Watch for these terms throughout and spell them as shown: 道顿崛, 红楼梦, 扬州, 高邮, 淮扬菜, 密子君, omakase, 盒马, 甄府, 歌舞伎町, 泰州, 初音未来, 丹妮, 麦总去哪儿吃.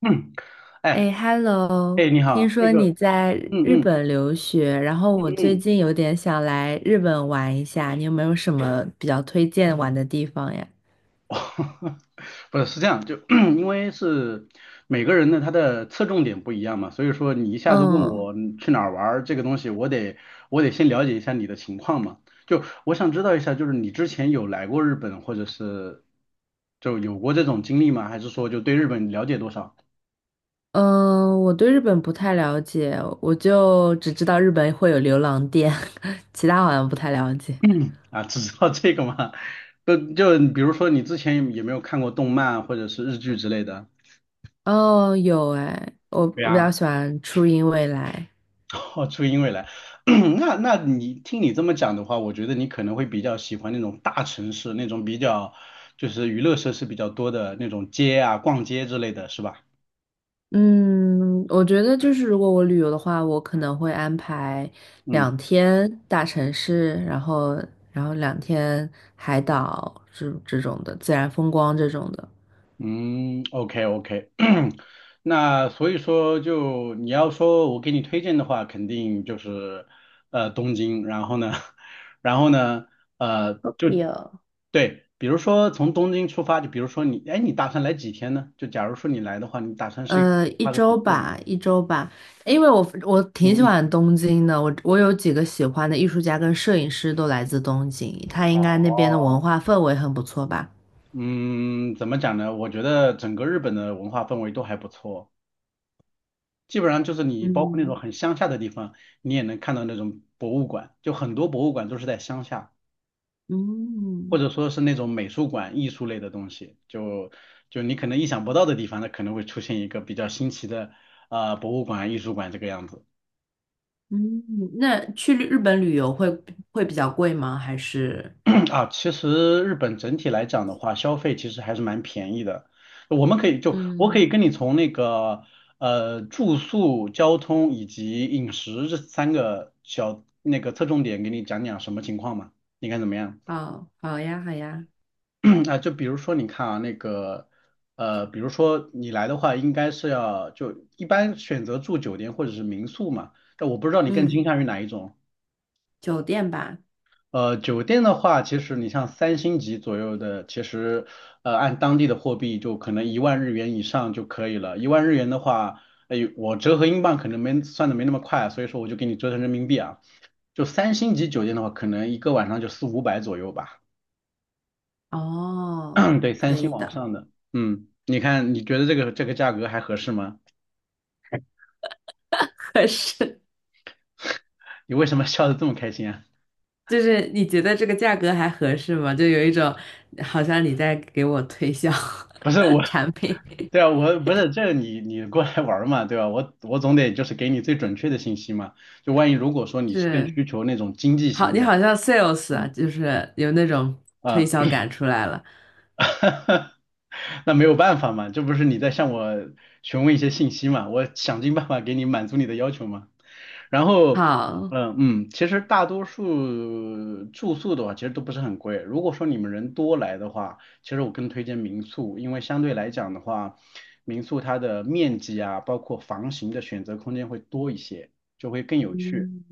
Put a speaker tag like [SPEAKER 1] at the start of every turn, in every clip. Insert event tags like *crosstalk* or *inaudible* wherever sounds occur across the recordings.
[SPEAKER 1] 嗯，
[SPEAKER 2] 哎
[SPEAKER 1] 哎
[SPEAKER 2] ，Hello，
[SPEAKER 1] 哎，你
[SPEAKER 2] 听
[SPEAKER 1] 好，那
[SPEAKER 2] 说
[SPEAKER 1] 个，
[SPEAKER 2] 你在
[SPEAKER 1] 嗯
[SPEAKER 2] 日
[SPEAKER 1] 嗯
[SPEAKER 2] 本留学，然后我最
[SPEAKER 1] 嗯，
[SPEAKER 2] 近有点想来日本玩一下，你有没有什么比较推荐玩的地方呀？
[SPEAKER 1] *laughs* 不是这样，就 *clears throat* 因为是每个人呢，他的侧重点不一样嘛，所以说你一下子问
[SPEAKER 2] 嗯
[SPEAKER 1] 我去哪儿玩儿这个东西，我得先了解一下你的情况嘛，就我想知道一下，就是你之前有来过日本，或者是就有过这种经历吗？还是说就对日本了解多少
[SPEAKER 2] 嗯，我对日本不太了解，我就只知道日本会有流浪店，*laughs* 其他好像不太了解。
[SPEAKER 1] 啊？只知道这个吗？*laughs* 就比如说你之前有没有看过动漫或者是日剧之类的？
[SPEAKER 2] 哦，有哎，我
[SPEAKER 1] 对
[SPEAKER 2] 我比较
[SPEAKER 1] 呀。
[SPEAKER 2] 喜欢初音未来。
[SPEAKER 1] *laughs* 哦，初音未来，*clears throat* 那你听你这么讲的话，我觉得你可能会比较喜欢那种大城市，那种比较就是娱乐设施比较多的那种街啊、逛街之类的，是吧？
[SPEAKER 2] 嗯，我觉得就是如果我旅游的话，我可能会安排
[SPEAKER 1] 嗯。
[SPEAKER 2] 两天大城市，然后两天海岛这种的自然风光这种的。
[SPEAKER 1] 嗯，OK OK，*clears throat* 那所以说就你要说我给你推荐的话，肯定就是东京，然后呢，*laughs* 然后呢，
[SPEAKER 2] o k
[SPEAKER 1] 就
[SPEAKER 2] 哦，
[SPEAKER 1] 对，比如说从东京出发，就比如说你，哎，你打算来几天呢？就假如说你来的话，你打算是
[SPEAKER 2] 一
[SPEAKER 1] 花个几
[SPEAKER 2] 周
[SPEAKER 1] 天的旅
[SPEAKER 2] 吧，
[SPEAKER 1] 游？
[SPEAKER 2] 因为我挺
[SPEAKER 1] 嗯
[SPEAKER 2] 喜
[SPEAKER 1] 嗯
[SPEAKER 2] 欢
[SPEAKER 1] 嗯。
[SPEAKER 2] 东京的，我有几个喜欢的艺术家跟摄影师都来自东京，他应该那边的文
[SPEAKER 1] 哦，
[SPEAKER 2] 化氛围很不错吧。
[SPEAKER 1] 嗯，怎么讲呢？我觉得整个日本的文化氛围都还不错。基本上就是你包括那种
[SPEAKER 2] 嗯
[SPEAKER 1] 很乡下的地方，你也能看到那种博物馆，就很多博物馆都是在乡下，或
[SPEAKER 2] 嗯。
[SPEAKER 1] 者说是那种美术馆、艺术类的东西，就你可能意想不到的地方，它可能会出现一个比较新奇的博物馆、艺术馆这个样子。
[SPEAKER 2] 嗯，那去日本旅游会比较贵吗？还是
[SPEAKER 1] 啊，其实日本整体来讲的话，消费其实还是蛮便宜的。我们可以就我可
[SPEAKER 2] 嗯，
[SPEAKER 1] 以跟你从那个住宿、交通以及饮食这三个小那个侧重点给你讲讲什么情况嘛？你看怎么样？*coughs*
[SPEAKER 2] 好，好呀，好呀，
[SPEAKER 1] *clears throat* 啊，就比如说你看啊，那个比如说你来的话，应该是要就一般选择住酒店或者是民宿嘛。但我不知道你更倾
[SPEAKER 2] 嗯，
[SPEAKER 1] 向于哪一种。
[SPEAKER 2] 酒店吧，
[SPEAKER 1] 酒店的话，其实你像三星级左右的，其实按当地的货币就可能一万日元以上就可以了。一万日元的话，哎，我折合英镑可能没算的没那么快，所以说我就给你折成人民币啊。就三星级酒店的话，可能一个晚上就四五百左右吧。*coughs*
[SPEAKER 2] 哦，
[SPEAKER 1] *clears throat* 对，三
[SPEAKER 2] 可
[SPEAKER 1] 星
[SPEAKER 2] 以
[SPEAKER 1] 往
[SPEAKER 2] 的。
[SPEAKER 1] 上的，嗯，你看你觉得这个这个价格还合适吗？
[SPEAKER 2] *laughs* 合适，
[SPEAKER 1] 你为什么笑得这么开心啊？
[SPEAKER 2] 就是你觉得这个价格还合适吗？就有一种好像你在给我推销
[SPEAKER 1] 不是我，
[SPEAKER 2] *laughs* 产品，
[SPEAKER 1] 对啊，我不是这你你过来玩儿嘛，对吧？我总得就是给你最准确的信息嘛。就万一如果说你是更
[SPEAKER 2] 是，
[SPEAKER 1] 需求那种经济
[SPEAKER 2] 好，
[SPEAKER 1] 型
[SPEAKER 2] 你
[SPEAKER 1] 的，
[SPEAKER 2] 好像 sales 啊，
[SPEAKER 1] 嗯
[SPEAKER 2] 就是有那种推
[SPEAKER 1] 啊。
[SPEAKER 2] 销感出来了。
[SPEAKER 1] *laughs* 那没有办法嘛，这不是你在向我询问一些信息嘛，我想尽办法给你满足你的要求嘛。然后，
[SPEAKER 2] 好，
[SPEAKER 1] 嗯嗯，其实大多数住宿的话，其实都不是很贵。如果说你们人多来的话，其实我更推荐民宿，因为相对来讲的话，民宿它的面积啊，包括房型的选择空间会多一些，就会更有趣。
[SPEAKER 2] 嗯。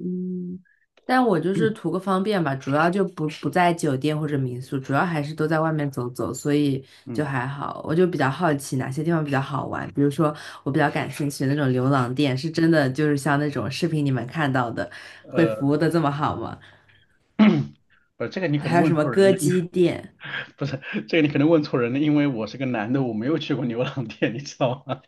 [SPEAKER 2] 嗯，但我就是图
[SPEAKER 1] *coughs*
[SPEAKER 2] 个方便吧，主要就不在酒店或者民宿，主要还是都在外面走走，所以就
[SPEAKER 1] 嗯
[SPEAKER 2] 还好。我就比较好奇哪些地方比较好玩，比如说我比较感兴趣的那种牛
[SPEAKER 1] 嗯，
[SPEAKER 2] 郎店，是真的就是像那种视频里面看到的，会服
[SPEAKER 1] 呃，
[SPEAKER 2] 务的这么好吗？
[SPEAKER 1] *coughs* *clears throat* 这个你可能
[SPEAKER 2] 还有
[SPEAKER 1] 问
[SPEAKER 2] 什么
[SPEAKER 1] 错人
[SPEAKER 2] 歌
[SPEAKER 1] 了。
[SPEAKER 2] 姬店？
[SPEAKER 1] 不是，这个你可能问错人了，因为我是个男的，我没有去过牛郎店，你知道吗？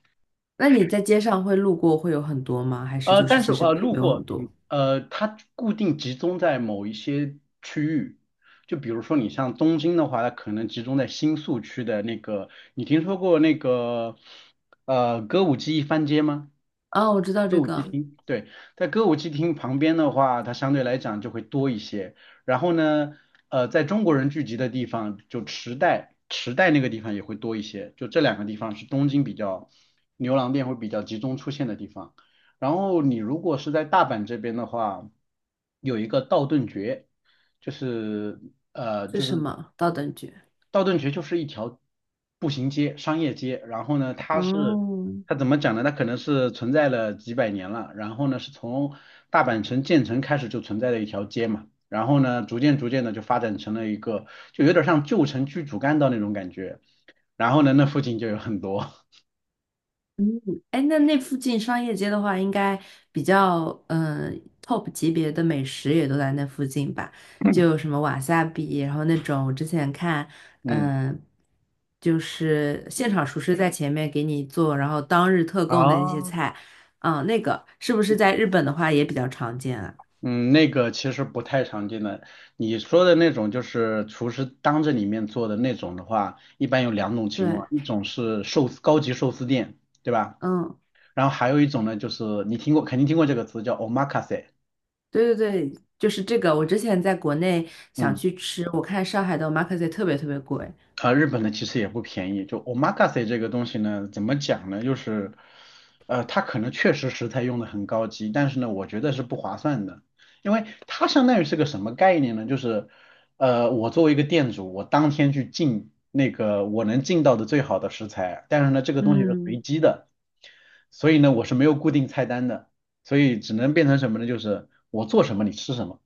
[SPEAKER 2] 那你在街上会路过会有很多吗？还
[SPEAKER 1] *laughs*
[SPEAKER 2] 是就是
[SPEAKER 1] 但是
[SPEAKER 2] 其实并
[SPEAKER 1] 路
[SPEAKER 2] 没有很
[SPEAKER 1] 过，
[SPEAKER 2] 多？
[SPEAKER 1] 它固定集中在某一些区域，就比如说你像东京的话，它可能集中在新宿区的那个，你听说过那个歌舞伎一番街吗？
[SPEAKER 2] 哦，我知道
[SPEAKER 1] 歌
[SPEAKER 2] 这
[SPEAKER 1] 舞伎
[SPEAKER 2] 个
[SPEAKER 1] 町，对，在歌舞伎町旁边的话，它相对来讲就会多一些。然后呢，在中国人聚集的地方，就池袋，池袋那个地方也会多一些。就这两个地方是东京比较牛郎店会比较集中出现的地方。然后你如果是在大阪这边的话，有一个道顿崛，就是呃，
[SPEAKER 2] 是
[SPEAKER 1] 就
[SPEAKER 2] 什
[SPEAKER 1] 是
[SPEAKER 2] 么，高等局
[SPEAKER 1] 道顿崛就是一条步行街、商业街，然后呢，
[SPEAKER 2] 哦，
[SPEAKER 1] 它怎么讲呢？它可能是存在了几百年了，然后呢，是从大阪城建成开始就存在的一条街嘛，然后呢，逐渐逐渐的就发展成了一个，就有点像旧城区主干道那种感觉，然后呢，那附近就有很多，
[SPEAKER 2] 嗯，哎，那附近商业街的话，应该比较top 级别的美食也都在那附近吧？就有什么瓦萨比，然后那种我之前看，
[SPEAKER 1] *laughs* 嗯。
[SPEAKER 2] 嗯、就是现场厨师在前面给你做，然后当日特供的那些
[SPEAKER 1] 啊，
[SPEAKER 2] 菜，那个是不是在日本的话也比较常见啊？
[SPEAKER 1] 嗯，那个其实不太常见的。你说的那种就是厨师当着你面做的那种的话，一般有两种情况，
[SPEAKER 2] 对，
[SPEAKER 1] 一种是寿司高级寿司店，对吧？
[SPEAKER 2] 嗯，
[SPEAKER 1] 然后还有一种呢，就是你听过，肯定听过这个词叫 omakase，
[SPEAKER 2] 对对对，就是这个。我之前在国内想
[SPEAKER 1] 嗯，
[SPEAKER 2] 去吃，我看上海的 omakase 特别特别贵，
[SPEAKER 1] 啊，日本的其实也不便宜。就 omakase 这个东西呢，怎么讲呢？就是，它可能确实食材用的很高级，但是呢，我觉得是不划算的，因为它相当于是个什么概念呢？就是，我作为一个店主，我当天去进那个我能进到的最好的食材，但是呢，这个东西是
[SPEAKER 2] 嗯。
[SPEAKER 1] 随机的，所以呢，我是没有固定菜单的，所以只能变成什么呢？就是我做什么你吃什么。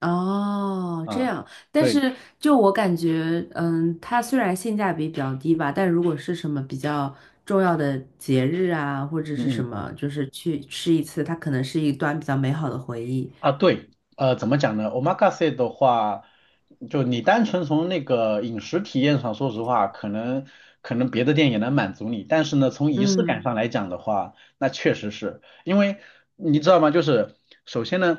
[SPEAKER 2] 哦，这
[SPEAKER 1] 啊，
[SPEAKER 2] 样，但
[SPEAKER 1] 对，
[SPEAKER 2] 是就我感觉，嗯，它虽然性价比比较低吧，但如果是什么比较重要的节日啊，或者
[SPEAKER 1] 嗯
[SPEAKER 2] 是什
[SPEAKER 1] 嗯
[SPEAKER 2] 么，就是去吃一次，它可能是一段比较美好的回忆。
[SPEAKER 1] 啊，对，怎么讲呢？omakase 的话，就你单纯从那个饮食体验上，说实话，可能别的店也能满足你，但是呢，从仪式感
[SPEAKER 2] 嗯，
[SPEAKER 1] 上来讲的话，那确实是因为你知道吗？就是首先呢，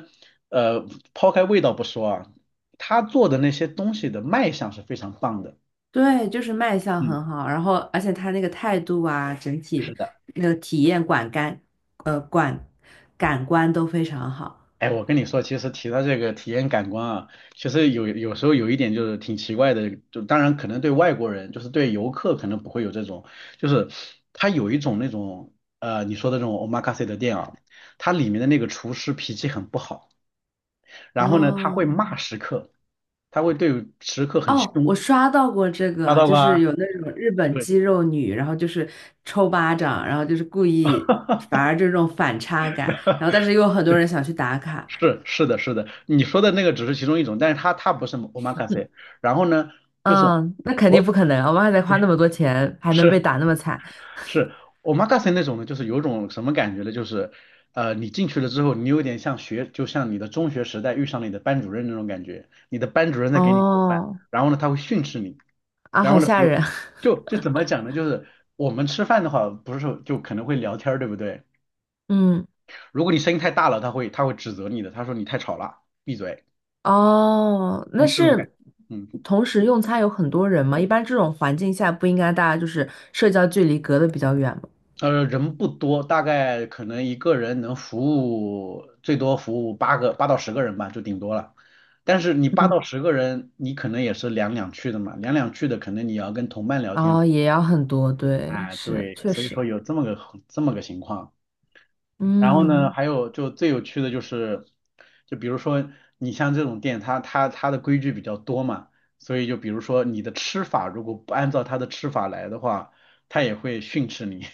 [SPEAKER 1] 呃，抛开味道不说啊，他做的那些东西的卖相是非常棒的，
[SPEAKER 2] 对，就是卖相
[SPEAKER 1] 嗯，
[SPEAKER 2] 很好，然后而且它那个态度啊，整
[SPEAKER 1] 是
[SPEAKER 2] 体
[SPEAKER 1] 的。
[SPEAKER 2] 那个体验管干，管感官都非常好。
[SPEAKER 1] 哎，我跟你说，其实提到这个体验感官啊，其实有时候有一点就是挺奇怪的，就当然可能对外国人，就是对游客可能不会有这种，就是他有一种那种你说的这种 omakase 的店啊，它里面的那个厨师脾气很不好，然后呢他会
[SPEAKER 2] 哦，
[SPEAKER 1] 骂食客，他会对食客很
[SPEAKER 2] 哦，我
[SPEAKER 1] 凶，
[SPEAKER 2] 刷到过这
[SPEAKER 1] 抓
[SPEAKER 2] 个，
[SPEAKER 1] 到
[SPEAKER 2] 就是
[SPEAKER 1] 吧？
[SPEAKER 2] 有那种日本
[SPEAKER 1] 对，
[SPEAKER 2] 肌肉女，然后就是抽巴掌，然后就是故意，反而这种反差感，然后但是又有很多人想去打卡。
[SPEAKER 1] 是是的是的，你说的那个只是其中一种，但是他不是 omakase，然后呢就是
[SPEAKER 2] 嗯，那肯定
[SPEAKER 1] 我
[SPEAKER 2] 不可能，我们还得花那么多钱，还能
[SPEAKER 1] 是
[SPEAKER 2] 被打那么惨。
[SPEAKER 1] 是 omakase 那种呢，就是有种什么感觉呢？就是，你进去了之后，你有点像学，就像你的中学时代遇上了你的班主任那种感觉。你的班主任在给你做饭，
[SPEAKER 2] 哦，
[SPEAKER 1] 然后呢，他会训斥你。
[SPEAKER 2] 啊，
[SPEAKER 1] 然
[SPEAKER 2] 好
[SPEAKER 1] 后呢，比
[SPEAKER 2] 吓
[SPEAKER 1] 如，
[SPEAKER 2] 人。
[SPEAKER 1] 就怎么讲呢？就是我们吃饭的话，不是说就可能会聊天儿，对不对？
[SPEAKER 2] *laughs* 嗯，
[SPEAKER 1] 如果你声音太大了，他会指责你的，他说你太吵了，闭嘴，
[SPEAKER 2] 哦，
[SPEAKER 1] 这
[SPEAKER 2] 那
[SPEAKER 1] 种这种感觉
[SPEAKER 2] 是
[SPEAKER 1] 嗯。
[SPEAKER 2] 同时用餐有很多人吗？一般这种环境下不应该大家就是社交距离隔得比较远吗？
[SPEAKER 1] 人不多，大概可能一个人能服务最多服务八到十个人吧，就顶多了。但是你八
[SPEAKER 2] 嗯，
[SPEAKER 1] 到十个人，你可能也是两两去的嘛，两两去的可能你要跟同伴聊天。
[SPEAKER 2] 哦，也要很多，对，
[SPEAKER 1] 哎，
[SPEAKER 2] 是，
[SPEAKER 1] 对，
[SPEAKER 2] 确
[SPEAKER 1] 所以
[SPEAKER 2] 实。
[SPEAKER 1] 说有这么个这么个情况。然后呢，
[SPEAKER 2] 嗯。
[SPEAKER 1] 还有就最有趣的就是，就比如说你像这种店，它的规矩比较多嘛，所以就比如说你的吃法如果不按照它的吃法来的话，它也会训斥你。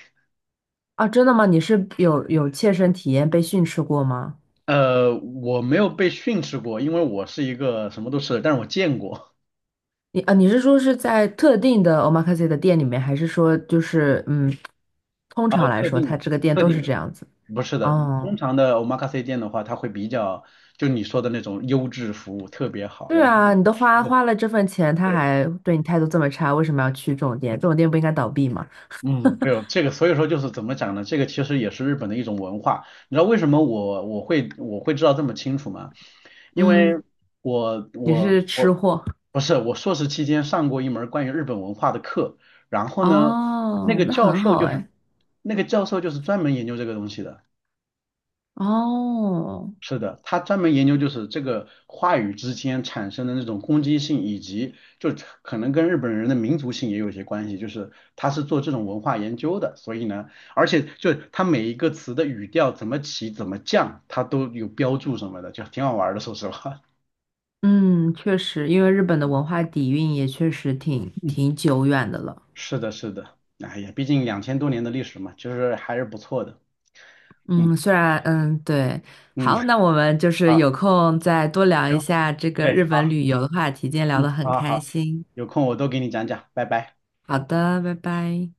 [SPEAKER 2] 啊，真的吗？你是有切身体验被训斥过吗？
[SPEAKER 1] 我没有被训斥过，因为我是一个什么都吃的，但是我见过
[SPEAKER 2] 你啊，你是说是在特定的 omakase 的店里面，还是说就是嗯，通
[SPEAKER 1] 啊、
[SPEAKER 2] 常来
[SPEAKER 1] 特
[SPEAKER 2] 说，
[SPEAKER 1] 定的，
[SPEAKER 2] 它这个店
[SPEAKER 1] 特
[SPEAKER 2] 都
[SPEAKER 1] 定
[SPEAKER 2] 是
[SPEAKER 1] 的，
[SPEAKER 2] 这样子？
[SPEAKER 1] 不是的，通
[SPEAKER 2] 哦，
[SPEAKER 1] 常的 omakase 店的话，它会比较就你说的那种优质服务特别好，
[SPEAKER 2] 对
[SPEAKER 1] 然后
[SPEAKER 2] 啊，你都花了这份钱，他
[SPEAKER 1] 对
[SPEAKER 2] 还对你态度这么差，为什么要去这种店？这种店不应该倒闭吗？
[SPEAKER 1] 嗯，没有这个，所以说就是怎么讲呢？这个其实也是日本的一种文化。你知道为什么我会知道这么清楚吗？因为
[SPEAKER 2] 嗯，
[SPEAKER 1] 我
[SPEAKER 2] 你
[SPEAKER 1] 我
[SPEAKER 2] 是吃
[SPEAKER 1] 我
[SPEAKER 2] 货
[SPEAKER 1] 不是我硕士期间上过一门关于日本文化的课，然后呢，那个
[SPEAKER 2] 哦，那
[SPEAKER 1] 教
[SPEAKER 2] 很
[SPEAKER 1] 授
[SPEAKER 2] 好
[SPEAKER 1] 就是
[SPEAKER 2] 哎。
[SPEAKER 1] 那个教授就是专门研究这个东西的。
[SPEAKER 2] 哦，
[SPEAKER 1] 是的，他专门研究就是这个话语之间产生的那种攻击性，以及就可能跟日本人的民族性也有一些关系。就是他是做这种文化研究的，所以呢，而且就他每一个词的语调怎么起、怎么降，他都有标注什么的，就挺好玩儿的。说实话，
[SPEAKER 2] 嗯，确实，因为日本的文化底蕴也确实
[SPEAKER 1] *laughs* 嗯，
[SPEAKER 2] 挺久远的了。
[SPEAKER 1] 是的，是的，哎呀，毕竟2000多年的历史嘛，就是还是不错的。嗯
[SPEAKER 2] 嗯，虽然嗯对，
[SPEAKER 1] 嗯，
[SPEAKER 2] 好，
[SPEAKER 1] *laughs*
[SPEAKER 2] 那我们就是
[SPEAKER 1] 啊，
[SPEAKER 2] 有空再多聊一
[SPEAKER 1] 行，
[SPEAKER 2] 下这个
[SPEAKER 1] 对，
[SPEAKER 2] 日本
[SPEAKER 1] 好，
[SPEAKER 2] 旅游的话题，今天聊
[SPEAKER 1] 嗯，
[SPEAKER 2] 得很
[SPEAKER 1] 好
[SPEAKER 2] 开
[SPEAKER 1] 好，
[SPEAKER 2] 心。
[SPEAKER 1] 有空我都给你讲讲，拜拜。
[SPEAKER 2] 好的，拜拜。